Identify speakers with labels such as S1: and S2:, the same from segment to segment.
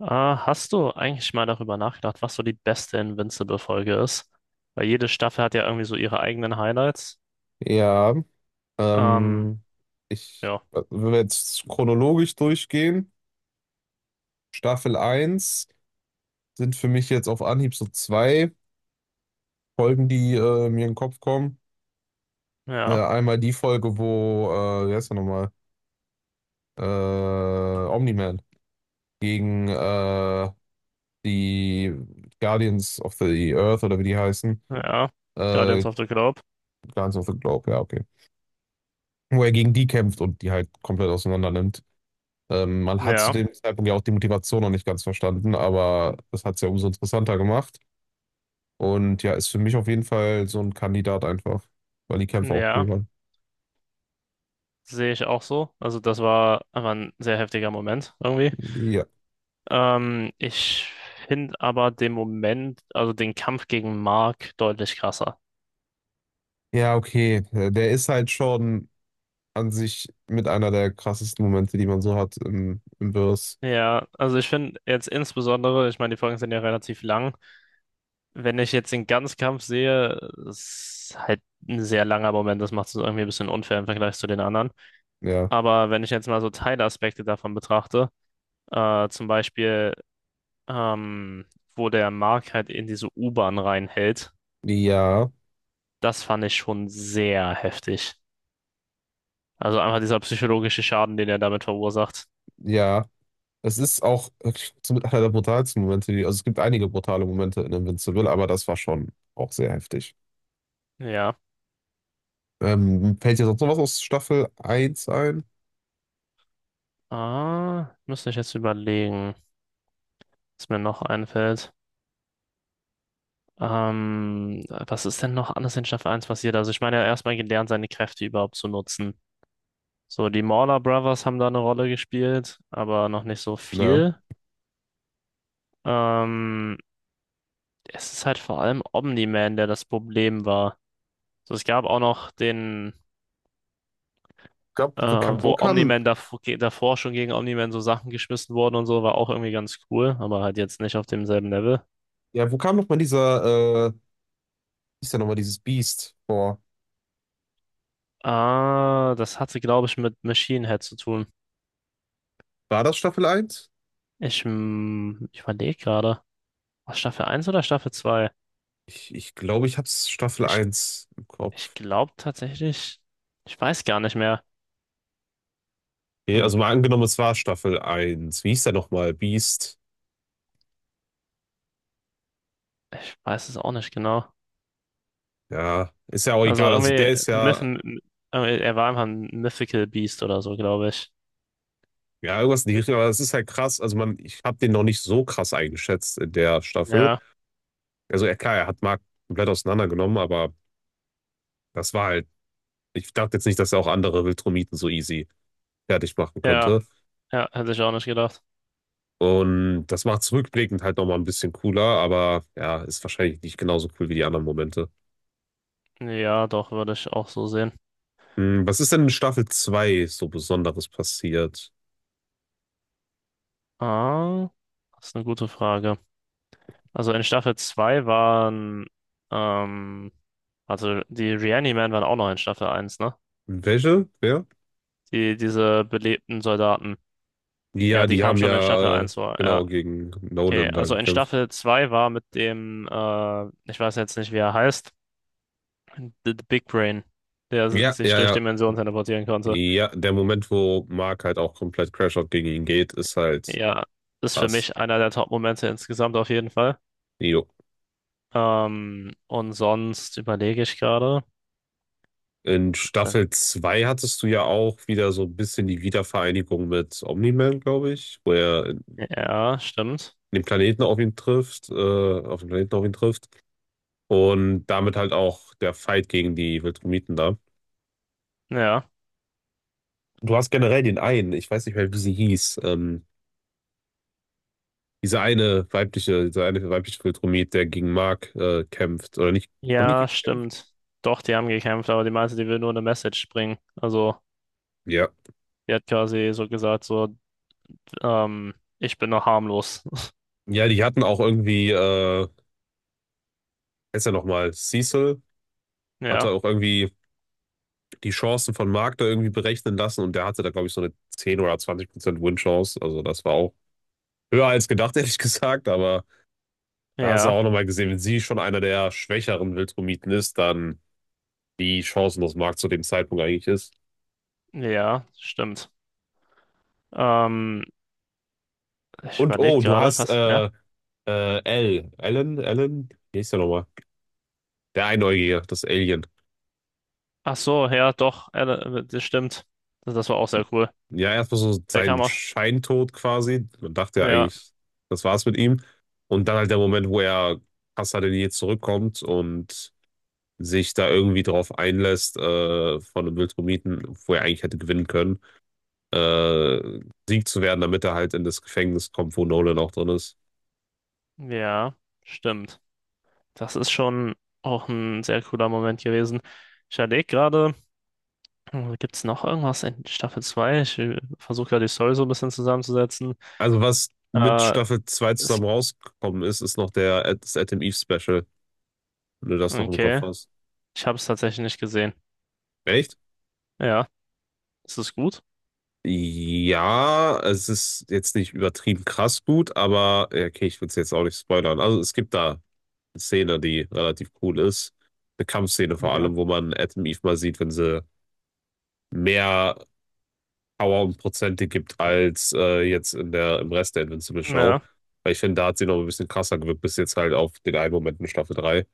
S1: Hast du eigentlich mal darüber nachgedacht, was so die beste Invincible-Folge ist? Weil jede Staffel hat ja irgendwie so ihre eigenen Highlights.
S2: Ja,
S1: Ähm,
S2: ähm,
S1: ja,
S2: wenn wir jetzt chronologisch durchgehen, Staffel eins sind für mich jetzt auf Anhieb so zwei Folgen, die mir in den Kopf kommen.
S1: ja,
S2: Einmal die Folge, wo, wie heißt er nochmal, Omni-Man gegen die Guardians of the Earth oder wie die heißen,
S1: ja.
S2: äh,
S1: Guardians of the Globe.
S2: Guardians of the Globe, ja, okay. Wo er gegen die kämpft und die halt komplett auseinander nimmt. Man hat zu
S1: Ja,
S2: dem Zeitpunkt ja auch die Motivation noch nicht ganz verstanden, aber das hat es ja umso interessanter gemacht. Und ja, ist für mich auf jeden Fall so ein Kandidat einfach, weil die Kämpfe auch cool
S1: ja.
S2: waren.
S1: Sehe ich auch so. Also das war einfach ein sehr heftiger Moment irgendwie.
S2: Ja.
S1: Ich finde aber den Moment, also den Kampf gegen Mark deutlich krasser.
S2: Ja, okay. Der ist halt schon an sich mit einer der krassesten Momente, die man so hat im, im Verse.
S1: Ja, also ich finde jetzt insbesondere, ich meine, die Folgen sind ja relativ lang. Wenn ich jetzt den Ganzkampf sehe, ist halt ein sehr langer Moment. Das macht es irgendwie ein bisschen unfair im Vergleich zu den anderen.
S2: Ja.
S1: Aber wenn ich jetzt mal so Teilaspekte davon betrachte, zum Beispiel, ähm, wo der Mark halt in diese U-Bahn reinhält,
S2: Ja,
S1: das fand ich schon sehr heftig. Also einfach dieser psychologische Schaden, den er damit verursacht.
S2: ja. Es ist auch wirklich so mit einer der brutalsten Momente, die, also es gibt einige brutale Momente in Invincible, aber das war schon auch sehr heftig.
S1: Ja.
S2: Fällt dir sonst noch was aus Staffel eins ein?
S1: Müsste ich jetzt überlegen, was mir noch einfällt. Was ist denn noch anders in Staffel eins passiert? Also ich meine, er hat erstmal gelernt, seine Kräfte überhaupt zu nutzen. So, die Mauler Brothers haben da eine Rolle gespielt, aber noch nicht so
S2: Ja.
S1: viel. Ähm, es ist halt vor allem Omni-Man, der das Problem war. So, es gab auch noch den,
S2: Gab,
S1: äh,
S2: wo kam, wo
S1: wo
S2: kam,
S1: Omni-Man davor schon gegen Omni-Man so Sachen geschmissen wurden und so, war auch irgendwie ganz cool, aber halt jetzt nicht auf demselben Level.
S2: ja, wo kam nochmal dieser, hieß ja nochmal dieses Biest vor?
S1: Das hatte, glaube ich, mit Machine Head zu tun.
S2: War das Staffel eins?
S1: Ich überlege gerade. War Staffel eins oder Staffel 2?
S2: Ich glaube, ich hab's Staffel
S1: Ich,
S2: eins im
S1: ich
S2: Kopf.
S1: glaube tatsächlich, ich weiß gar nicht mehr.
S2: Nee,
S1: Hm,
S2: also mal angenommen, es war Staffel eins. Wie hieß der nochmal? Beast.
S1: ich weiß es auch nicht genau.
S2: Ja, ist ja auch
S1: Also
S2: egal. Also
S1: irgendwie,
S2: der ist
S1: Myth,
S2: ja,
S1: irgendwie, er war einfach ein Mythical Beast oder so, glaube ich.
S2: ja, irgendwas in die Richtung, aber das ist halt krass. Also man, ich habe den noch nicht so krass eingeschätzt in der Staffel.
S1: Ja,
S2: Also ja, klar, er hat Mark komplett auseinandergenommen, aber das war halt, ich dachte jetzt nicht, dass er auch andere Viltrumiten so easy fertig machen
S1: ja,
S2: könnte.
S1: ja, hätte ich auch nicht gedacht.
S2: Und das macht es rückblickend halt nochmal ein bisschen cooler, aber ja, ist wahrscheinlich nicht genauso cool wie die anderen Momente.
S1: Ja, doch, würde ich auch so sehen.
S2: Hm, was ist denn in Staffel 2 so Besonderes passiert?
S1: Ah, das ist eine gute Frage. Also in Staffel 2 waren, ähm, also die Reanimen waren auch noch in Staffel eins, ne?
S2: Welche? Wer?
S1: Die, diese belebten Soldaten.
S2: Ja,
S1: Ja, die
S2: die
S1: kamen
S2: haben
S1: schon in Staffel
S2: ja,
S1: eins vor, ja.
S2: genau, gegen
S1: Okay,
S2: Nolan da
S1: also in
S2: gekämpft.
S1: Staffel 2 war mit dem, ich weiß jetzt nicht, wie er heißt, The Big Brain, der
S2: Ja,
S1: sich
S2: ja,
S1: durch
S2: ja.
S1: Dimensionen teleportieren konnte.
S2: Ja, der Moment, wo Mark halt auch komplett Crashout gegen ihn geht, ist halt
S1: Ja, ist für
S2: krass.
S1: mich einer der Top-Momente insgesamt auf jeden Fall.
S2: Jo.
S1: Und sonst überlege ich gerade.
S2: In
S1: Gibt's denn?
S2: Staffel 2 hattest du ja auch wieder so ein bisschen die Wiedervereinigung mit Omni-Man, glaube ich, wo er
S1: Ja, stimmt.
S2: den Planeten auf ihn trifft, auf den Planeten auf ihn trifft und damit halt auch der Fight gegen die Viltrumiten da.
S1: Ja,
S2: Du hast generell den einen, ich weiß nicht mehr, wie sie hieß, diese eine weibliche Viltrumit, der gegen Mark kämpft, oder nicht? Haben die
S1: ja,
S2: gekämpft?
S1: stimmt. Doch, die haben gekämpft, aber die meinte, die will nur eine Message bringen. Also,
S2: Ja.
S1: die hat quasi so gesagt, so, ähm, ich bin noch harmlos.
S2: Ja, die hatten auch irgendwie, heißt ja nochmal, Cecil hatte
S1: Ja,
S2: auch irgendwie die Chancen von Mark da irgendwie berechnen lassen und der hatte da, glaube ich, so eine 10 oder 20% Win-Chance. Also das war auch höher als gedacht, ehrlich gesagt, aber da hast du auch
S1: ja,
S2: nochmal gesehen, wenn sie schon einer der schwächeren Wildromiten ist, dann wie chancenlos Mark zu dem Zeitpunkt eigentlich ist.
S1: ja, stimmt. Ähm, ich
S2: Und
S1: überlege
S2: oh, du
S1: gerade,
S2: hast
S1: was? Ja.
S2: L. Ellen, wie hieß der nochmal? Der Einäugige, das Alien.
S1: Ach so, ja, doch, ja, das stimmt. Das war auch sehr cool.
S2: Ja, erstmal so
S1: Der kam
S2: sein
S1: auch.
S2: Scheintod quasi. Man dachte ja
S1: Ja,
S2: eigentlich, das war's mit ihm. Und dann halt der Moment, wo er krasser denn je zurückkommt und sich da irgendwie drauf einlässt von einem Wildromiten, wo er eigentlich hätte gewinnen können. äh, Sieg zu werden, damit er halt in das Gefängnis kommt, wo Nolan auch drin ist.
S1: ja, stimmt. Das ist schon auch ein sehr cooler Moment gewesen. Ich überlege gerade, gibt es noch irgendwas in Staffel 2? Ich versuche gerade die Story so ein bisschen zusammenzusetzen.
S2: Also was mit
S1: Äh,
S2: Staffel 2
S1: ist,
S2: zusammen rausgekommen ist, ist noch der, das Adam Eve Special, wenn du das noch im Kopf
S1: okay,
S2: hast.
S1: ich habe es tatsächlich nicht gesehen.
S2: Echt?
S1: Ja, ist es gut?
S2: Ja, es ist jetzt nicht übertrieben krass gut, aber ja, okay, ich will es jetzt auch nicht spoilern. Also es gibt da eine Szene, die relativ cool ist. Eine Kampfszene vor
S1: Okay.
S2: allem, wo man Adam Eve mal sieht, wenn sie mehr Power und Prozente gibt als jetzt in der, im Rest der Invincible Show.
S1: Ja.
S2: Weil ich finde, da hat sie noch ein bisschen krasser gewirkt, bis jetzt halt auf den einen Moment in Staffel 3.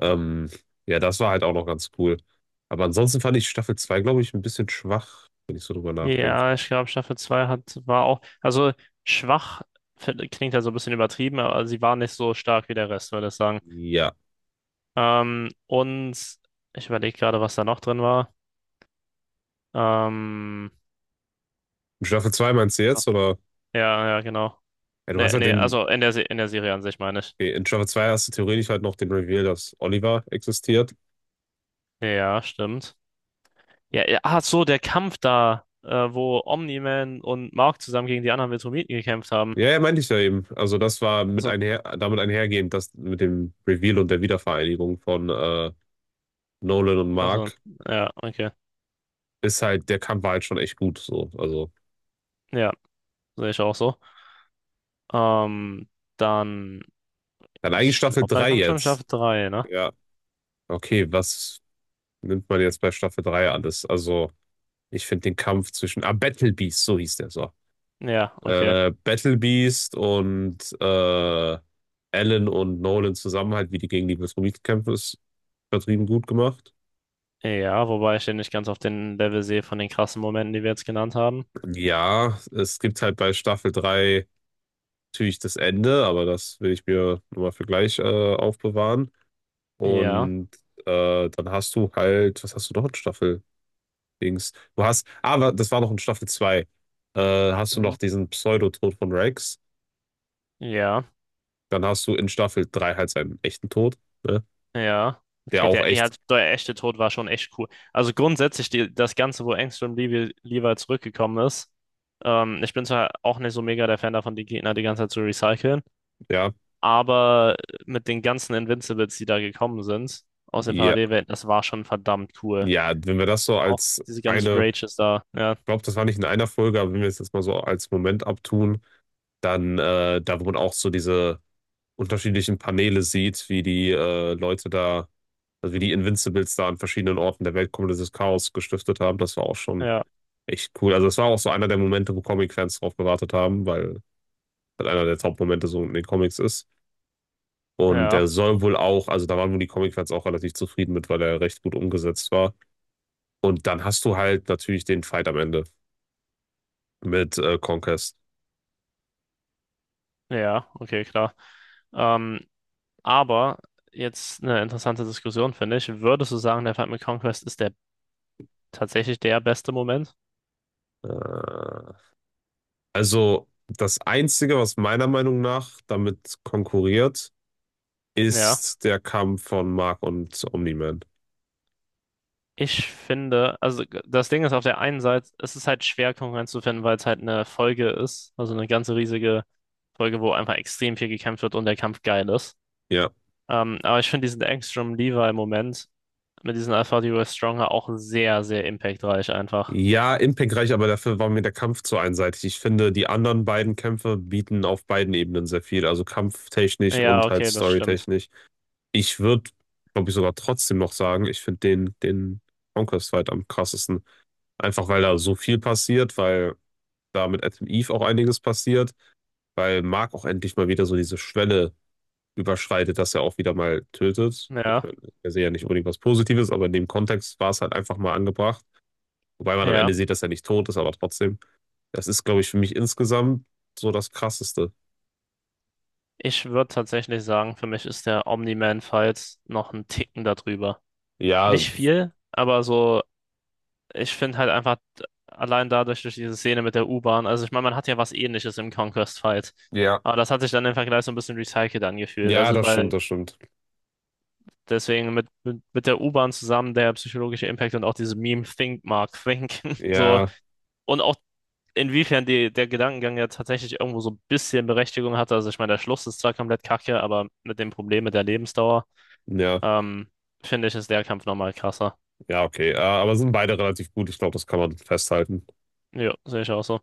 S2: Ähm, ja, das war halt auch noch ganz cool. Aber ansonsten fand ich Staffel 2 glaube ich, ein bisschen schwach, wenn ich so drüber nachdenke.
S1: Ja, ich glaube, Staffel 2 hat, war auch, also schwach klingt ja so ein bisschen übertrieben, aber sie war nicht so stark wie der Rest, würde ich sagen.
S2: Ja.
S1: Und ich überlege gerade, was da noch drin war. Ähm,
S2: In Staffel 2 meinst du jetzt? Oder?
S1: ja, ja, genau.
S2: Ja, du hast
S1: Nee,
S2: halt
S1: nee,
S2: den.
S1: also in der, in der Serie an sich meine ich.
S2: Okay, in Staffel 2 hast du theoretisch halt noch den Reveal, dass Oliver existiert.
S1: Ja, stimmt. Ja, ja, ach so, der Kampf da, wo Omni-Man und Mark zusammen gegen die anderen Viltrumiten gekämpft haben.
S2: Ja, ja, meinte ich ja eben. Also das war mit
S1: Also,
S2: einher, damit einhergehend, dass mit dem Reveal und der Wiedervereinigung von Nolan und
S1: also,
S2: Mark.
S1: ja, okay.
S2: Ist halt, der Kampf war halt schon echt gut. So. Also,
S1: Ja, sehe ich auch so. Ähm, dann.
S2: dann eigentlich
S1: Ich
S2: Staffel
S1: glaube, dann
S2: 3
S1: kommt schon
S2: jetzt.
S1: Staffel 3, ne?
S2: Ja, okay, was nimmt man jetzt bei Staffel 3 alles? Also, ich finde den Kampf zwischen, Battle Beast, so hieß der so.
S1: Ja, okay.
S2: Battle Beast und Alan und Nolan zusammen halt, wie die gegen die Viltrumiten kämpfen, ist übertrieben gut gemacht.
S1: Ja, wobei ich den nicht ganz auf den Level sehe von den krassen Momenten, die wir jetzt genannt haben.
S2: Ja, es gibt halt bei Staffel 3 natürlich das Ende, aber das will ich mir nochmal für gleich aufbewahren.
S1: Ja,
S2: Und dann hast du halt, was hast du noch in Staffel Dings? Du hast, aber das war noch in Staffel zwei. Hast du
S1: mhm,
S2: noch diesen Pseudotod von Rex?
S1: ja,
S2: Dann hast du in Staffel 3 halt seinen echten Tod, ne?
S1: ja.
S2: Der
S1: Okay,
S2: auch
S1: der, ja,
S2: echt,
S1: der echte Tod war schon echt cool. Also grundsätzlich die, das Ganze, wo Angstrom Levi, Levi zurückgekommen ist. Ich bin zwar auch nicht so mega der Fan davon, die Gegner die ganze Zeit zu recyceln,
S2: ja,
S1: aber mit den ganzen Invincibles, die da gekommen sind, aus den
S2: ja,
S1: Parallelwelten, das war schon verdammt cool.
S2: ja, wenn wir das so
S1: Auch
S2: als
S1: diese ganzen
S2: eine,
S1: Rages da. Ja,
S2: ich glaube, das war nicht in einer Folge, aber wenn wir es jetzt mal so als Moment abtun, dann, da wo man auch so diese unterschiedlichen Paneele sieht, wie die Leute da. Also wie die Invincibles da an verschiedenen Orten der Welt komplettes Chaos gestiftet haben, das war auch schon
S1: ja,
S2: echt cool. Also das war auch so einer der Momente, wo Comic-Fans drauf gewartet haben, weil das einer der Top-Momente so in den Comics ist. Und
S1: ja.
S2: der soll wohl auch, also da waren wohl die Comic-Fans auch relativ zufrieden mit, weil er recht gut umgesetzt war. Und dann hast du halt natürlich den Fight am Ende mit Conquest.
S1: Ja, okay, klar. Ähm, aber jetzt eine interessante Diskussion, finde ich. Würdest du sagen, der Fight mit Conquest ist der tatsächlich der beste Moment?
S2: Äh, also das Einzige, was meiner Meinung nach damit konkurriert,
S1: Ja.
S2: ist der Kampf von Mark und Omni-Man.
S1: Ich finde, also das Ding ist auf der einen Seite, es ist halt schwer, Konkurrenz zu finden, weil es halt eine Folge ist, also eine ganze riesige Folge, wo einfach extrem viel gekämpft wird und der Kampf geil ist.
S2: Ja.
S1: Aber ich finde diesen Angstrom-Levi-Moment mit diesen Alpha Duo Stronger auch sehr, sehr impactreich einfach.
S2: Ja, impactreich, aber dafür war mir der Kampf zu einseitig. Ich finde, die anderen beiden Kämpfe bieten auf beiden Ebenen sehr viel, also kampftechnisch
S1: Ja,
S2: und halt
S1: okay, das stimmt.
S2: storytechnisch. Ich würde, glaube ich, sogar trotzdem noch sagen, ich finde den, den Conquest-Fight am krassesten. Einfach weil da so viel passiert, weil da mit Adam Eve auch einiges passiert, weil Mark auch endlich mal wieder so diese Schwelle überschreitet, dass er auch wieder mal tötet. Ich
S1: Ja,
S2: meine, er sehe ja nicht unbedingt was Positives, aber in dem Kontext war es halt einfach mal angebracht. Wobei man am Ende
S1: ja.
S2: sieht, dass er nicht tot ist, aber trotzdem. Das ist, glaube ich, für mich insgesamt so das Krasseste.
S1: Ich würde tatsächlich sagen, für mich ist der Omni-Man Files noch ein Ticken darüber.
S2: Ja,
S1: Nicht viel, aber so, ich finde halt einfach allein dadurch, durch diese Szene mit der U-Bahn, also ich meine, man hat ja was Ähnliches im Conquest Fight.
S2: ja,
S1: Aber das hat sich dann im Vergleich so ein bisschen recycelt angefühlt.
S2: ja,
S1: Also,
S2: das stimmt,
S1: weil
S2: das stimmt.
S1: deswegen mit der U-Bahn zusammen der psychologische Impact und auch diese Meme Think Mark Think, so
S2: Ja,
S1: und auch inwiefern die, der Gedankengang ja tatsächlich irgendwo so ein bisschen Berechtigung hatte. Also, ich meine, der Schluss ist zwar komplett kacke, aber mit dem Problem mit der Lebensdauer.
S2: ja,
S1: Ähm, finde ich, ist der Kampf nochmal krasser.
S2: ja, okay. Aber sind beide relativ gut. Ich glaube, das kann man festhalten.
S1: Ja, sehe ich auch so.